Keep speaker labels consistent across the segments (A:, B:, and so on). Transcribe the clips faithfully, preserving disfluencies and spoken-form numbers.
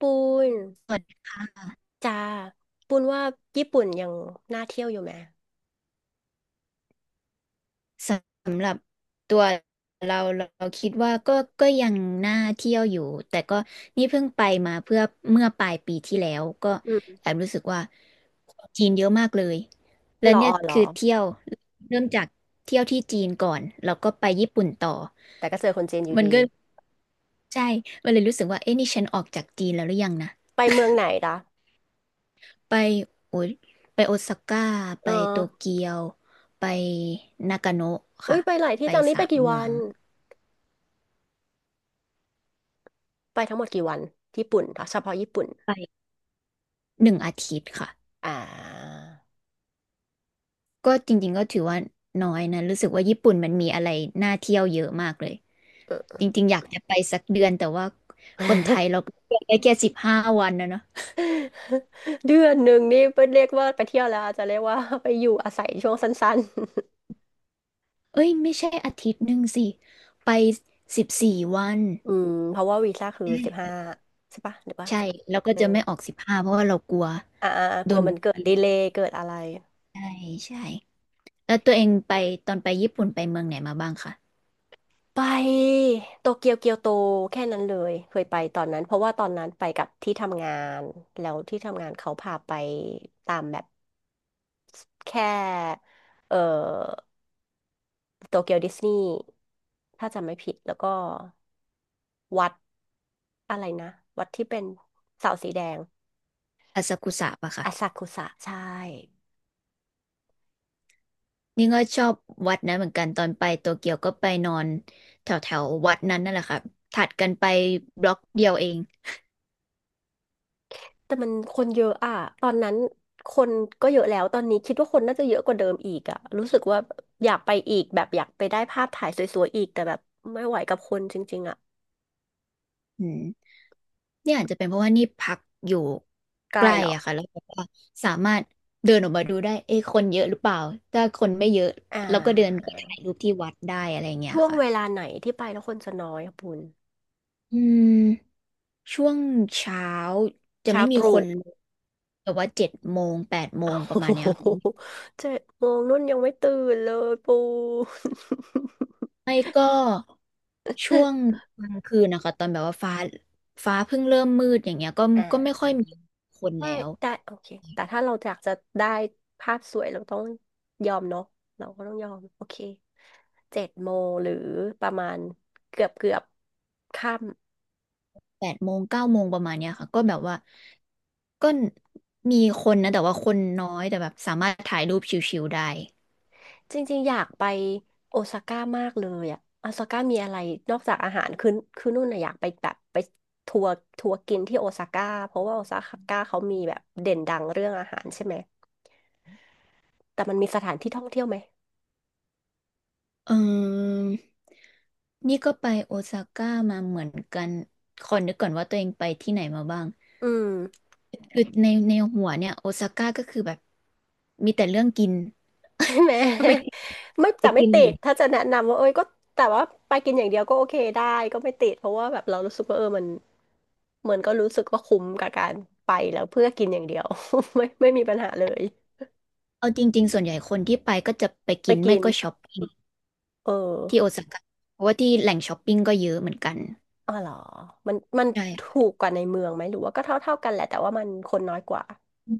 A: ปูนจ้าปูนว่าญี่ปุ่นยังน่าเที่ยวอยู่ไหม
B: สำหรับตัวเราเราคิดว่าก็ก็ยังน่าเที่ยวอยู่แต่ก็นี่เพิ่งไปมาเพื่อเมื่อปลายปีที่แล้วก็
A: อืม
B: แอบรู้สึกว่าของจีนเยอะมากเลยแล้
A: ห
B: ว
A: รอ
B: เนี่ย
A: หร
B: คื
A: อ
B: อเที่ยวเริ่มจากเที่ยวที่จีนก่อนแล้วก็ไปญี่ปุ่นต่อ
A: แต่ก็เจอคนจีนอยู่
B: มัน
A: ดี
B: ก็ใช่มันเลยรู้สึกว่าเอ๊ะนี่ฉันออกจากจีนแล้วหรือยังนะ
A: ไปเมืองไหนล่ะ
B: ไปโอ้ยไปโอซาก้าไป
A: เออ
B: โตเกียวไปนากาโนะ
A: อุ้
B: ค่ะ
A: ยไปหลายที่
B: ไป
A: จังนี้
B: สา
A: ไป
B: ม
A: กี่
B: เมื
A: วั
B: อ
A: น
B: ง
A: ไปทั้งหมดกี่วันที่ญี่ปุ่นเหรอเฉพาะญี่ปุ่น
B: ไป หนึ่งอาทิตย์ค่ะ
A: อ่า
B: ก็จริงๆก็ถือว่าน้อยนะรู้สึกว่าญี่ปุ่นมันมีอะไรน่าเที่ยวเยอะมากเลย
A: เออ
B: จริงๆอยากจะไปสักเดือนแต่ว่าคนไทยเราก็ไปได้แค่สิบห้าวันนะเนาะ
A: เดือนหนึ่งนี่เป็นเรียกว่าไปเที่ยวแล้วอาจจะเรียกว่า ไปอยู่อาศัยช่วงสั้น
B: เอ้ยไม่ใช่อาทิตย์หนึ่งสิไปสิบสี่วัน
A: ๆ อืมเพราะว่าวีซ่าคือ
B: อื
A: สิบ
B: ม
A: ห้าใช่ปะหรือว่า
B: ใช่แล้วก็จะไม่ออกสิบห้าเพราะว่าเรากลัว
A: อ่าอ่าอ่าก
B: โด
A: ลัว
B: นแบ
A: มัน
B: บ
A: เกิด
B: นี้
A: ดีเลย์เกิดอะไร
B: ใช่ใช่แล้วตัวเองไปตอนไปญี่ปุ่นไปเมืองไหนมาบ้างคะ
A: ไปโตเกียวเกียวโตแค่นั้นเลยเคยไปตอนนั้นเพราะว่าตอนนั้นไปกับที่ทำงานแล้วที่ทำงานเขาพาไปตามแบบแค่เอ่อโตเกียวดิสนีย์ถ้าจำไม่ผิดแล้วก็วัดอะไรนะวัดที่เป็นเสาสีแดง
B: อาซากุสะปะคะ
A: อาซากุสะใช่
B: นี่ก็ชอบวัดนั้นเหมือนกันตอนไปโตเกียวก็ไปนอนแถวแถววัดนั้นนั่นแหละค่ะถัดกันไปบล็อกเดียวเอง
A: แต่มันคนเยอะอะ ตอนนั้นคนก็เยอะแล้ว ตอนนี้คิดว่าคนน่าจะเยอะกว่าเดิมอีกอะรู้สึกว่าอยากไปอีกแบบอยากไปได้ภาพถ่ายสวยๆอีกแต่แบบไม่ไหวกับคนจริงๆอะ
B: อืมเนี่ยอาจจะเป็นเพราะว่านี่พักอยู่
A: ไกล
B: ใกล้
A: เหรอ
B: อะค่ะแล้วแบบว่าสามารถเดินออกมาดูได้เอ๊ะคนเยอะหรือเปล่าถ้าคนไม่เยอะ
A: อ่
B: เราก็เดินไป
A: า
B: ถ่ายรูปที่วัดได้อะไรเงี้ย
A: ช่วง
B: ค่ะ
A: เวลาไหนที่ไปแล้วคนจะน้อยอะปุณ
B: อืมช่วงเช้าจะ
A: เช้า
B: ไม่มี
A: ต
B: ค
A: รู่
B: น เลยแต่ว่าเจ็ดโมงแปดโมงป
A: โอ้
B: ระมาณเนี้
A: โห
B: ยค่ะ
A: เจ็ดโมงนุ่นยังไม่ตื่นเลยปู
B: ไม่ก็ช่วงกลางคืนนะคะตอนแบบว่าฟ้าฟ้าเพิ่งเริ่มมืดอย่างเงี้ยก็
A: น
B: ก็ไม่
A: อ่า
B: ค่อยมีคน
A: ได้
B: แล้ว
A: ได้โอเคแต่ถ้าเราอยากจะได้ภาพสวยเราต้องยอมเนาะเราก็ต้องยอมโอเคเจ็ดโมงหรือประมาณเกือบเกือบค่
B: แปดโมงเก้าโมงประมาณเนี้ยค่ะก็แบบว่าก็มีคนนะแต่ว่าคนน้อยแต่แบบสามารถถ่ายรูปชิวๆได้
A: ำจริงๆอยากไปโอซาก้ามากเลยอะโอซาก้ามีอะไรนอกจากอาหารคือคือนู่นน่ะอยากไปแบบไปทัวร์ทัวร์กินที่โอซาก้าเพราะว่าโอซาก้าเขามีแบบเด่นดังเรื่องอาหารใช่ไหมแต่มันมีสถานที่ท่องเที่ยวไหม
B: เออนี่ก็ไปโอซาก้ามาเหมือนกันขอนึกก่อนว่าตัวเองไปที่ไหนมาบ้าง
A: อืม
B: คือในในหัวเนี่ยโอซาก้าก็คือแบบมีแต่เรื่องกิน
A: ใช่ไหม
B: ก็ไปกิน
A: ไม่
B: ไป
A: แต่ไม่
B: กิน
A: ติ
B: อย่าง
A: ดถ้าจะแนะนำว่าเอ้ยก็แต่ว่าไปกินอย่างเดียวก็โอเคได้ก็ไม่ติดเพราะว่าแบบเรารู้สึกว่าเออมันเหมือนก็รู้สึกว่าคุ้มกับการไปแล้วเพื่อกินอย่างเดียว ไม่ไม่มีปัญหาเลย
B: เอาจริงๆส่วนใหญ่คนที่ไปก็จะไป
A: ไป
B: กินไม่
A: กิน
B: ก็ช้อปปิ้ง
A: เออ
B: ที่โอซาก้าเพราะว่าที่แหล่งช้อปปิ้งก็เยอะเหมือนกัน
A: อ๋อเหรอมันมันถู
B: ใช่
A: กกว่าในเมืองไหมหรือว่าก็เท่าเท่ากันแหละแต่ว่ามันคนน้อยกว่า
B: อื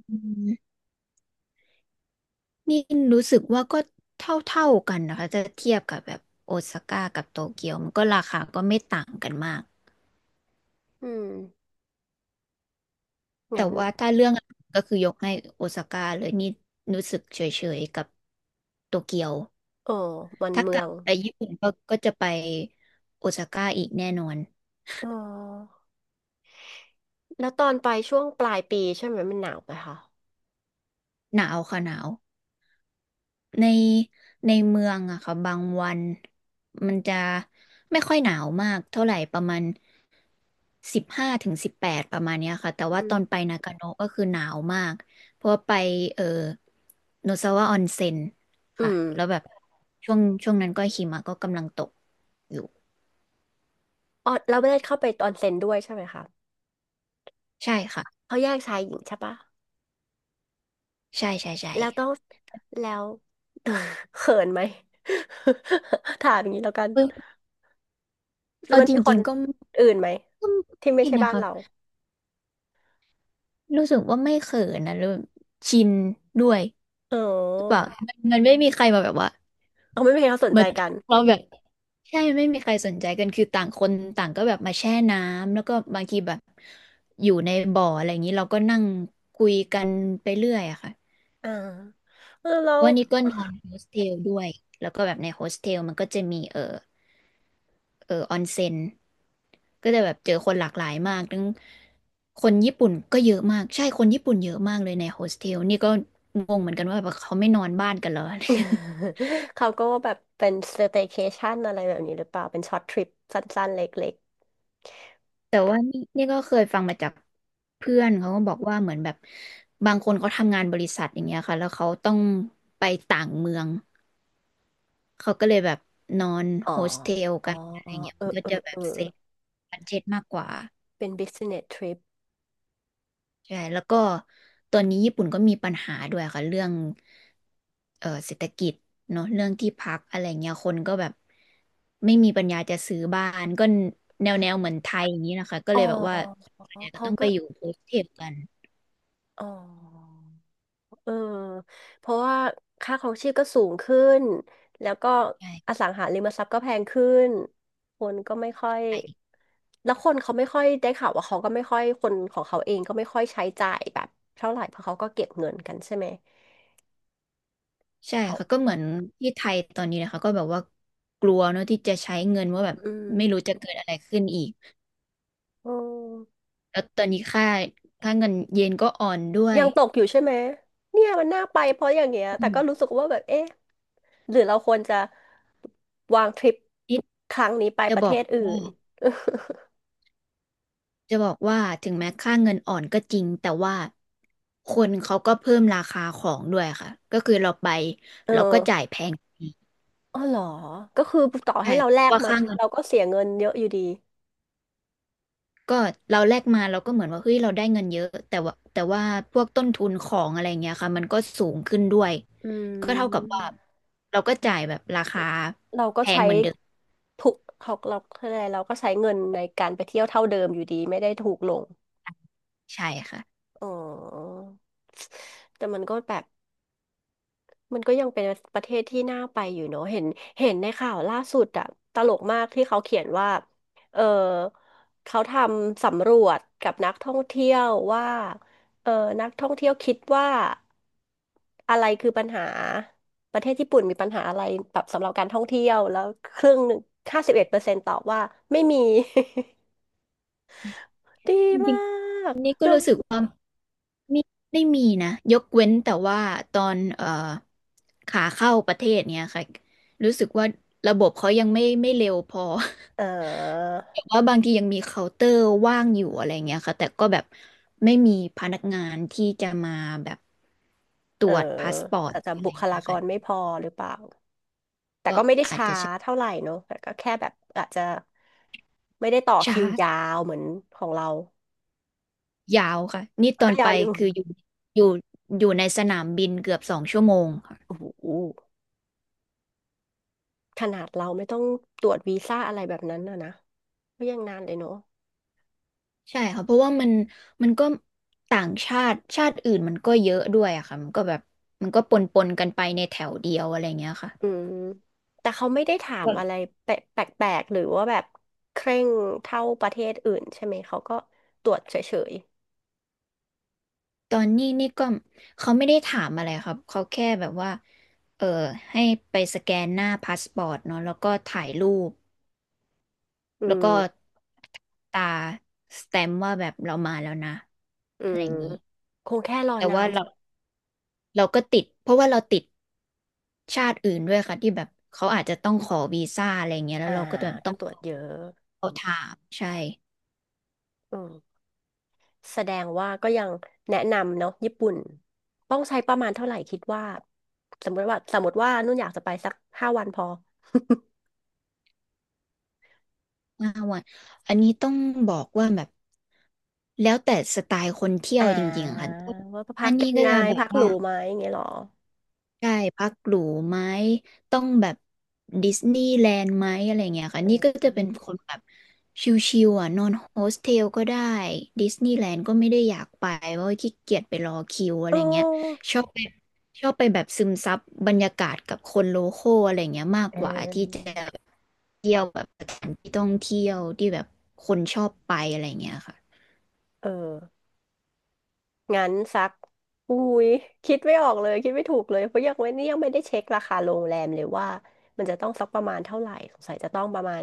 B: มนี่รู้สึกว่าก็เท่าๆกันนะคะจะเทียบกับแบบโอซาก้ากับโตเกียวมันก็ราคาก็ไม่ต่างกันมาก
A: อืม
B: แต่
A: งั้น
B: ว่าถ้าเรื่องอาหารก็คือยกให้โอซาก้าเลยนี่รู้สึกเฉยๆกับโตเกียว
A: เออมัน
B: ถ้า
A: เมื
B: กลั
A: อง
B: บไปญี่ปุ่นก็ก็จะไปโอซาก้าอีกแน่นอน
A: เออแล้วตอนไปช่วงปลายปีใช่ไหมมันหนาวไหมคะ
B: หนาวค่ะหนาว ในในเมืองอะค่ะบางวันมันจะไม่ค่อยหนาวมากเท่าไหร่ประมาณสิบห้าถึงสิบแปดประมาณเนี้ยค่ะแต่ว่า
A: อื
B: ตอน
A: ม
B: ไปนากาโนะก็คือหนาวมากเพราะว่าไปเออโนซาวะออนเซ็น
A: อื
B: ค่ะ
A: ม
B: แล้วแบบช่วงช่วงนั้นก็หิมะก็กำลังตกอยู่
A: อ๋อเราไม่ได้เข้าไปออนเซ็นด้วยใช่ไหมคะ
B: ใช่ค่ะ
A: เขาแยกชายหญิงใช่ปะ
B: ใช่ใช่ใช่
A: แล้วต้องแล้ว เขินไหม ถามอย่างนี้แล้วกัน
B: เออ
A: แล้ว
B: เอา
A: มัน
B: จ
A: มีค
B: ริ
A: น
B: งๆก็
A: อื่นไหม
B: ก็
A: ที่ไม่
B: ไม่
A: ใช่
B: นะ
A: บ้าน
B: คะ
A: เรา
B: รู้สึกว่าไม่เขินนะรู้ชินด้วย
A: อ๋อ
B: หรือเปล่ามันมันไม่มีใครมาแบบว่า
A: เอาไม่มีใครเขาสนใจ
B: มา
A: กัน
B: เราแบบ ใช่ไม่มีใครสนใจกันคือต่างคนต่างก็แบบมาแช่น้ำแล้วก็บางทีแบบอยู่ในบ่ออะไรอย่างนี้เราก็นั่งคุยกันไปเรื่อยอะค่ะ
A: อ่าเออเรา
B: เพราะว่านี่ก็นอน โฮสเทลด้วยแล้วก็แบบในโฮสเทลมันก็จะมีเออเออออนเซ็นก็จะแบบเจอคนหลากหลายมากทั้งคนญี่ปุ่นก็เยอะมากใช่คนญี่ปุ่นเยอะมากเลยในโฮสเทลนี่ก็งงเหมือนกันว่าแบบเขาไม่นอนบ้านกันเหรอ
A: เขาก็แบบเป็นสเต y c เคชันอะไรแบบนี้หรือเปล่าเป็นช็อตทริปสั้นๆเล็ก
B: แต่ว่านี่นี่ก็เคยฟังมาจากเพื่อนเขาก็บอกว่าเหมือนแบบบางคนเขาทำงานบริษัทอย่างเงี้ยค่ะแล้วเขาต้องไปต่างเมืองเขาก็เลยแบบนอน
A: ๆอ๋อ
B: โฮสเทล
A: อ๋อ
B: กันอะไรเงี้ย
A: เออ
B: มันก็
A: เออ
B: จะแบ
A: เอ
B: บ
A: อ
B: เซฟบัดเจ็ตมากกว่า
A: เป็น business trip
B: ใช่แล้วก็ตอนนี้ญี่ปุ่นก็มีปัญหาด้วยค่ะเรื่องเออเศรษฐกิจเนาะเรื่องที่พักอะไรเงี้ยคนก็แบบไม่มีปัญญาจะซื้อบ้านก็แนวแนวเหมือนไทยอย่างนี้นะคะก็
A: อ๋
B: เลยแบบว่า
A: อ
B: ส่วนใหญ่ก็
A: เขา
B: ต้อง
A: ก็
B: ไปอยู่โฮสเทลกัน
A: อ๋อ เออ เพราะว่าค่าครองชีพก็สูงขึ้น แล้วก็อ
B: ใช่
A: สังหาริมทรัพย์ก็แพงขึ้น คนก็ไม่ค่อยแล้วคนเขาไม่ค่อยได้ข่าวว่าเขาก็ไม่ค่อยคนของเขาเองก็ไม่ค่อยใช้จ่ายแบบเท่าไหร่เพราะเขาก็เก็บเงินกันใช่ไหม
B: ใช่
A: เขา
B: ค่ะก็เหมือนที่ไทยตอนนี้นะคะก็แบบว่ากลัวเนอะที่จะใช้เงินว่าแบบ
A: อืม
B: ไม่รู้จะเกิดอะไรขึ้นอีก
A: อืม
B: แล้วตอนนี้ค่าค่าเงินเยนก็อ่อนด้วย
A: ยังตกอยู่ใช่ไหม เนี่ยมันน่าไปเพราะอย่างเงี้ย
B: อื
A: แต่ก็รู้
B: ม
A: สึกว่าแบบเอ๊ะหรือเราควรจะวางทริป
B: นี่
A: ครั้งนี้ไป
B: จะ
A: ประ
B: บอ
A: เท
B: ก
A: ศอื่
B: ว่า
A: น
B: จะบอกว่าถึงแม้ค่าเงินอ่อนก็จริงแต่ว่าคนเขาก็เพิ่มราคาของด้วยค่ะก็คือเราไป
A: เออ
B: เราก็จ่ายแพง
A: อ๋อเหรอ ก็คือต่อ
B: ใช่
A: ให้เราแลก
B: ว่า
A: มา
B: ค่าเงิน
A: เราก็เสียเงินเยอะอยู่ดี
B: ก็เราแลกมาเราก็เหมือนว่าเฮ้ยเราได้เงินเยอะแต่ว่าแต่ว่าพวกต้นทุนของอะไรเงี้ยค่ะมันก็สูงขึ้นด้วย
A: อื
B: ก็เท่ากับว่า
A: ม
B: เราก็จ่ายแบบราคา
A: เราก็
B: แพง
A: ใช้
B: เหมือนเดิม
A: ถูกเขาเราอะไรเราก็ใช้เงินในการไปเที่ยวเท่าเดิมอยู่ดีไม่ได้ถูกลง
B: ใช่ค่ะ
A: อ๋อ แต่มันก็แบบ มันก็ยังเป็นประเทศที่น่าไปอยู่เนอะเห็นเห็นในข่าวล่าสุดอะตลกมากที่เขาเขียนว่า เออ เขาทำสำรวจกับนักท่องเที่ยวว่าเออนักท่องเที่ยวคิดว่าอะไรคือปัญหาประเทศญี่ปุ่นมีปัญหาอะไรแบบสำหรับการท่องเที่ยวแล้วครึ่งหนึ่งห้าสิบเอ็ดเปอร์เซ็นต์ตอบว่าไม่มี ดี
B: จริ
A: มา
B: ง
A: ก
B: ๆนี่ก็
A: คือ
B: รู้สึกว่าไม่ได้มีนะยกเว้นแต่ว่าตอนเอ่อขาเข้าประเทศเนี้ยค่ะรู้สึกว่าระบบเขายังไม่ไม่เร็วพอ
A: เออ
B: แบว่าบางทียังมีเคาน์เตอร์ว่างอยู่อะไรเงี้ยค่ะแต่ก็แบบไม่มีพนักงานที่จะมาแบบต
A: เอ
B: ร
A: อ
B: วจพาสปอร์ต
A: อาจจะ
B: อะไร
A: บุคลา
B: เงี้ย
A: ก
B: ค่ะ
A: รไม่พอหรือเปล่า แต่
B: ก
A: ก็ไม่ได้
B: ็
A: ช้าเท่าไหร่เนอะแต่ก็แค่แบบอาจจะไม่ได้ต่อ
B: ช้า
A: คิวยาวเหมือนของเรา
B: ยาวค่ะนี่ตอ
A: ก็
B: นไป
A: ยาวอยู่
B: คืออ ยู่อยู่อยู่ในสนามบินเกือบสองชั่วโมงค่ะ
A: โอ้โหขนาดเราไม่ต้องตรวจวีซ่าอะไรแบบนั้นนะนะก็ยังนานเลยเนอะ
B: ใช่ค่ะเพราะว่ามันมันก็ต่างชาติชาติอื่นมันก็เยอะด้วยอะค่ะมันก็แบบมันก็ปนปนกันไปในแถวเดียวอะไรเงี้ยค่ะ
A: อืมแต่เขาไม่ได้ถามอะไรแปลกๆหรือว่าแบบเคร่งเท่าประเทศอื่นใช่ไหมเขาก็ตรวจเฉย
B: ตอนนี้นี่ก็เขาไม่ได้ถามอะไรครับเขาแค่แบบว่าเออให้ไปสแกนหน้าพาสปอร์ตเนาะแล้วก็ถ่ายรูป
A: ๆอื
B: แล้วก็
A: ม
B: ตาสแตมป์ว่าแบบเรามาแล้วนะ
A: อื
B: อะไร
A: ม
B: อย่างนี้
A: คงแค่รอ
B: แต่
A: นา
B: ว่า
A: น
B: เรา
A: ใช่ไหม
B: เราก็ติดเพราะว่าเราติดชาติอื่นด้วยค่ะที่แบบเขาอาจจะต้องขอวีซ่าอะไรอย่างเงี้ยแล้
A: อ่า
B: วเราก็จ
A: ก็
B: ต้อง
A: ตรวจเยอะ
B: เขาถามใช่
A: อืม แสดงว่าก็ยังแนะนำเนาะญี่ปุ่นต้องใช้ประมาณเท่าไหร่คิดว่าสมมติว่าสมมติว่านุ่นอยากจะไปสักห้าวันพอ
B: ห้าวันอันนี้ต้องบอกว่าแบบแล้วแต่สไตล์คนเที่ ย
A: อ่
B: วจริงๆอะ
A: า
B: ค่ะ
A: ว่าพั
B: อั
A: ก
B: นนี้
A: ยัง
B: ก็
A: ไง
B: จะแบบ
A: พักหรู
B: ว่า
A: ไหมอย่างเงี้ยเหรอ
B: ได้พักหรูไหมต้องแบบดิสนีย์แลนด์ไหมอะไรเงี้ยค่ะ
A: เอ
B: นี่ก็จะเป็น
A: อ
B: คนแบบชิวๆอ่ะนอนโฮสเทลก็ได้ดิสนีย์แลนด์ก็ไม่ได้อยากไปเพราะว่าขี้เกียจไปรอคิวอะไร
A: โอ้
B: เงี้ยชอบไปชอบไปแบบซึมซับบรรยากาศกับคนโลคอลอะไรเงี้ยมาก
A: เอ
B: กว่าที่จะ
A: อ
B: เที่ยวแบบสถานที่ท่องเที่ยวที่แบบคนชอบไปอะไรเงี้ยค่ะ
A: เอองั้นสักอุ้ยคิดไม่ออกเลยคิดไม่ถูกเลยเพราะยังไม่นี่ยังไม่ได้เช็คราคาโรงแรมเลยว่ามันจะต้องสักประมาณเท่าไหร่สงสัยจะต้องประมาณ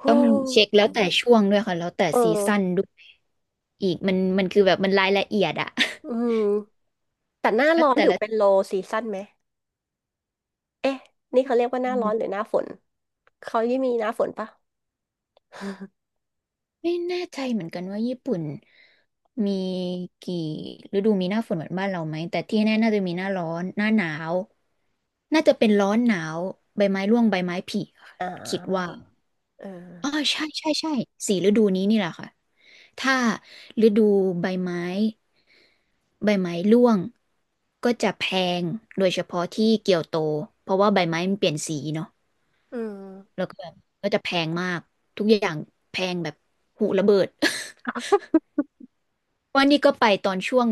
A: โอ้
B: ต้องเช็คแล้วแต่ช่วงด้วยค่ะแล้วแต่
A: เอ
B: ซีซั่น
A: อ
B: ด้วยอีกมันมันคือแบบมันรายละเอียดอะ
A: อืมแต่หน้า
B: แล้
A: ร้
B: ว
A: อน
B: แต่
A: ถือเป็น
B: ละ
A: low season ไหม เอ๊ะนี่เขาเรียกว่าห
B: อื
A: น้าร้อนหรือ
B: ม
A: หน้าฝนเขายี่มีหน้าฝนปะ
B: ไม่แน่ใจเหมือนกันว่าญี่ปุ่นมีกี่ฤดูมีหน้าฝนเหมือนบ้านเราไหมแต่ที่แน่น่าจะมีหน้าร้อนหน้าหนาวน่าจะเป็นร้อนหนาวใบไม้ร่วงใบไม้ผลิค่ะ
A: อ่า
B: คิดว่า
A: เออ
B: อ๋อใช่ใช่ใช่สี่ฤดูนี้นี่แหละค่ะถ้าฤดูใบไม้ ใบไม้ร่วงก็จะแพงโดยเฉพาะที่เกียวโตเพราะว่าใบไม้มันเปลี่ยนสีเนาะ
A: อื
B: แล้
A: ม
B: วก็แบบก็จะแพงมากทุกอย่างแพงแบบหูระเบิด วันนี้ก็ไปตอนช่วง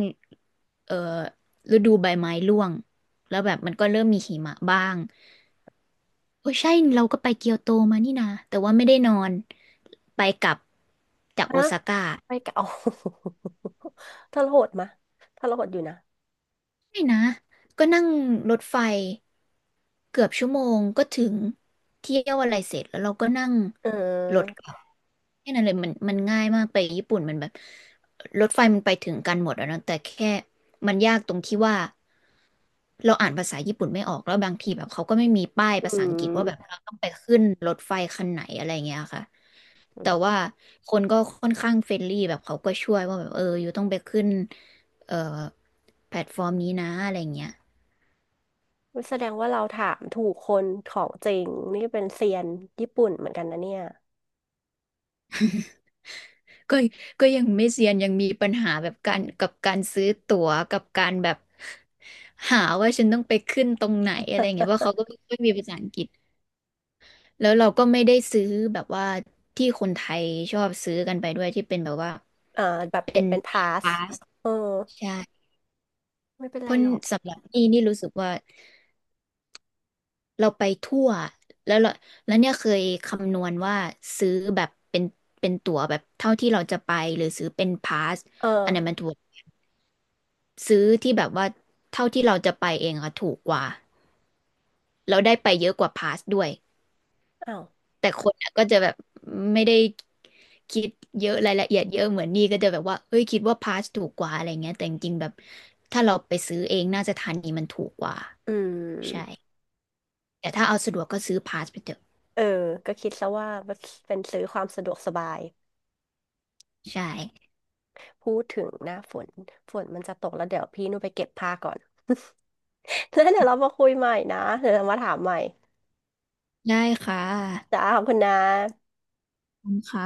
B: เอ่อฤดูใบไม้ร่วงแล้วแบบมันก็เริ่มมีหิมะบ้างโอ้ใช่เราก็ไปเกียวโตมานี่นะแต่ว่าไม่ได้นอนไปกลับจาก
A: นะ
B: โอซาก้า
A: ไปเก่า ทรหดมะทรหดอยู่นะ
B: ใช่นะก็นั่งรถไฟ เกือบชั่วโมงก็ถึงเที่ยวอะไรเสร็จแล้วเราก็นั่ง
A: เ
B: รถ
A: ออ
B: กลับแค่นั้นเลยมันมันง่ายมากไปญี่ปุ่นมันแบบรถไฟมันไปถึงกันหมดอะเนอะแต่แค่มันยากตรงที่ว่าเราอ่านภาษาญี่ปุ่นไม่ออกแล้วบางทีแบบเขาก็ไม่มีป้ายภา
A: อื
B: ษาอังกฤษว่าแบบ
A: ม
B: เราต้องไปขึ้นรถไฟคันไหนอะไรเงี้ยค่ะ
A: อื
B: แต่
A: ม
B: ว่าคนก็ค่อนข้างเฟรนลี่แบบเขาก็ช่วยว่าแบบเอออยู่ต้องไปขึ้นเอ่อแพลตฟอร์มนี้นะอะไรเงี้ย
A: แสดงว่าเราถามถูกคนของจริงนี่เป็นเซียนญี่ปุ่นเหมือนกันนะเนี่ย
B: ก็ก็ยังไม่เซียนยังมีปัญหาแบบการกับการซื้อตั๋วกับการแบบหาว่าฉันต้องไปขึ้นตรงไหนอะไรเงี้ยเพราะเขาก็ไม่ค่อยมีภาษาอังกฤษแล้วเราก็ไม่ได้ซื้อแบบว่าที่คนไทยชอบซื้อกันไปด้วยที่เป็นแบบว่า
A: เออแบบ
B: เป็
A: เด็ก
B: น
A: เป็นพาส
B: พาส
A: เออ
B: ใช่
A: ไม่เป็น
B: เพ
A: ไร
B: ราะ
A: หรอก
B: สำหรับนี่นี่รู้สึกว่าเราไปทั่วแล้วเราแล้วเนี่ยเคยคำนวณว่าซื้อแบบเป็นเป็นตั๋วแบบเท่าที่เราจะไปหรือซื้อเป็นพาส
A: เออ
B: อันนั้นมันถูก ซื้อที่แบบว่าเท่าที่เราจะไปเองอะถูกกว่าเราได้ไปเยอะกว่าพาสด้วย
A: อ้าว
B: แต่คนอะก็จะแบบไม่ได้คิดเยอะรายละเอียดเยอะเหมือนนี่ก็จะแบบว่าเอ้ยคิดว่าพาสถูกกว่าอะไรเงี้ยแต่จริงๆแบบถ้าเราไปซื้อเองน่าจะทันนี้มันถูกกว่า
A: อื
B: ใช่
A: ม
B: แต่ถ้าเอาสะดวกก็ซื้อพาสไปเถอะ
A: เออก็คิดซะว่าเป็นซื้อความสะดวกสบาย
B: ใช่
A: พูดถึงหน้าฝนฝนมันจะตกแล้วเดี๋ยวพี่หนยไปเก็บผ้าก่อน แล้วเดี๋ยวเรามาคุยใหม่นะเดี๋ยวเรามาถามใหม่
B: ได้ค่ะ
A: จ้าขอบคุณนะ
B: ขอบคุณค่ะ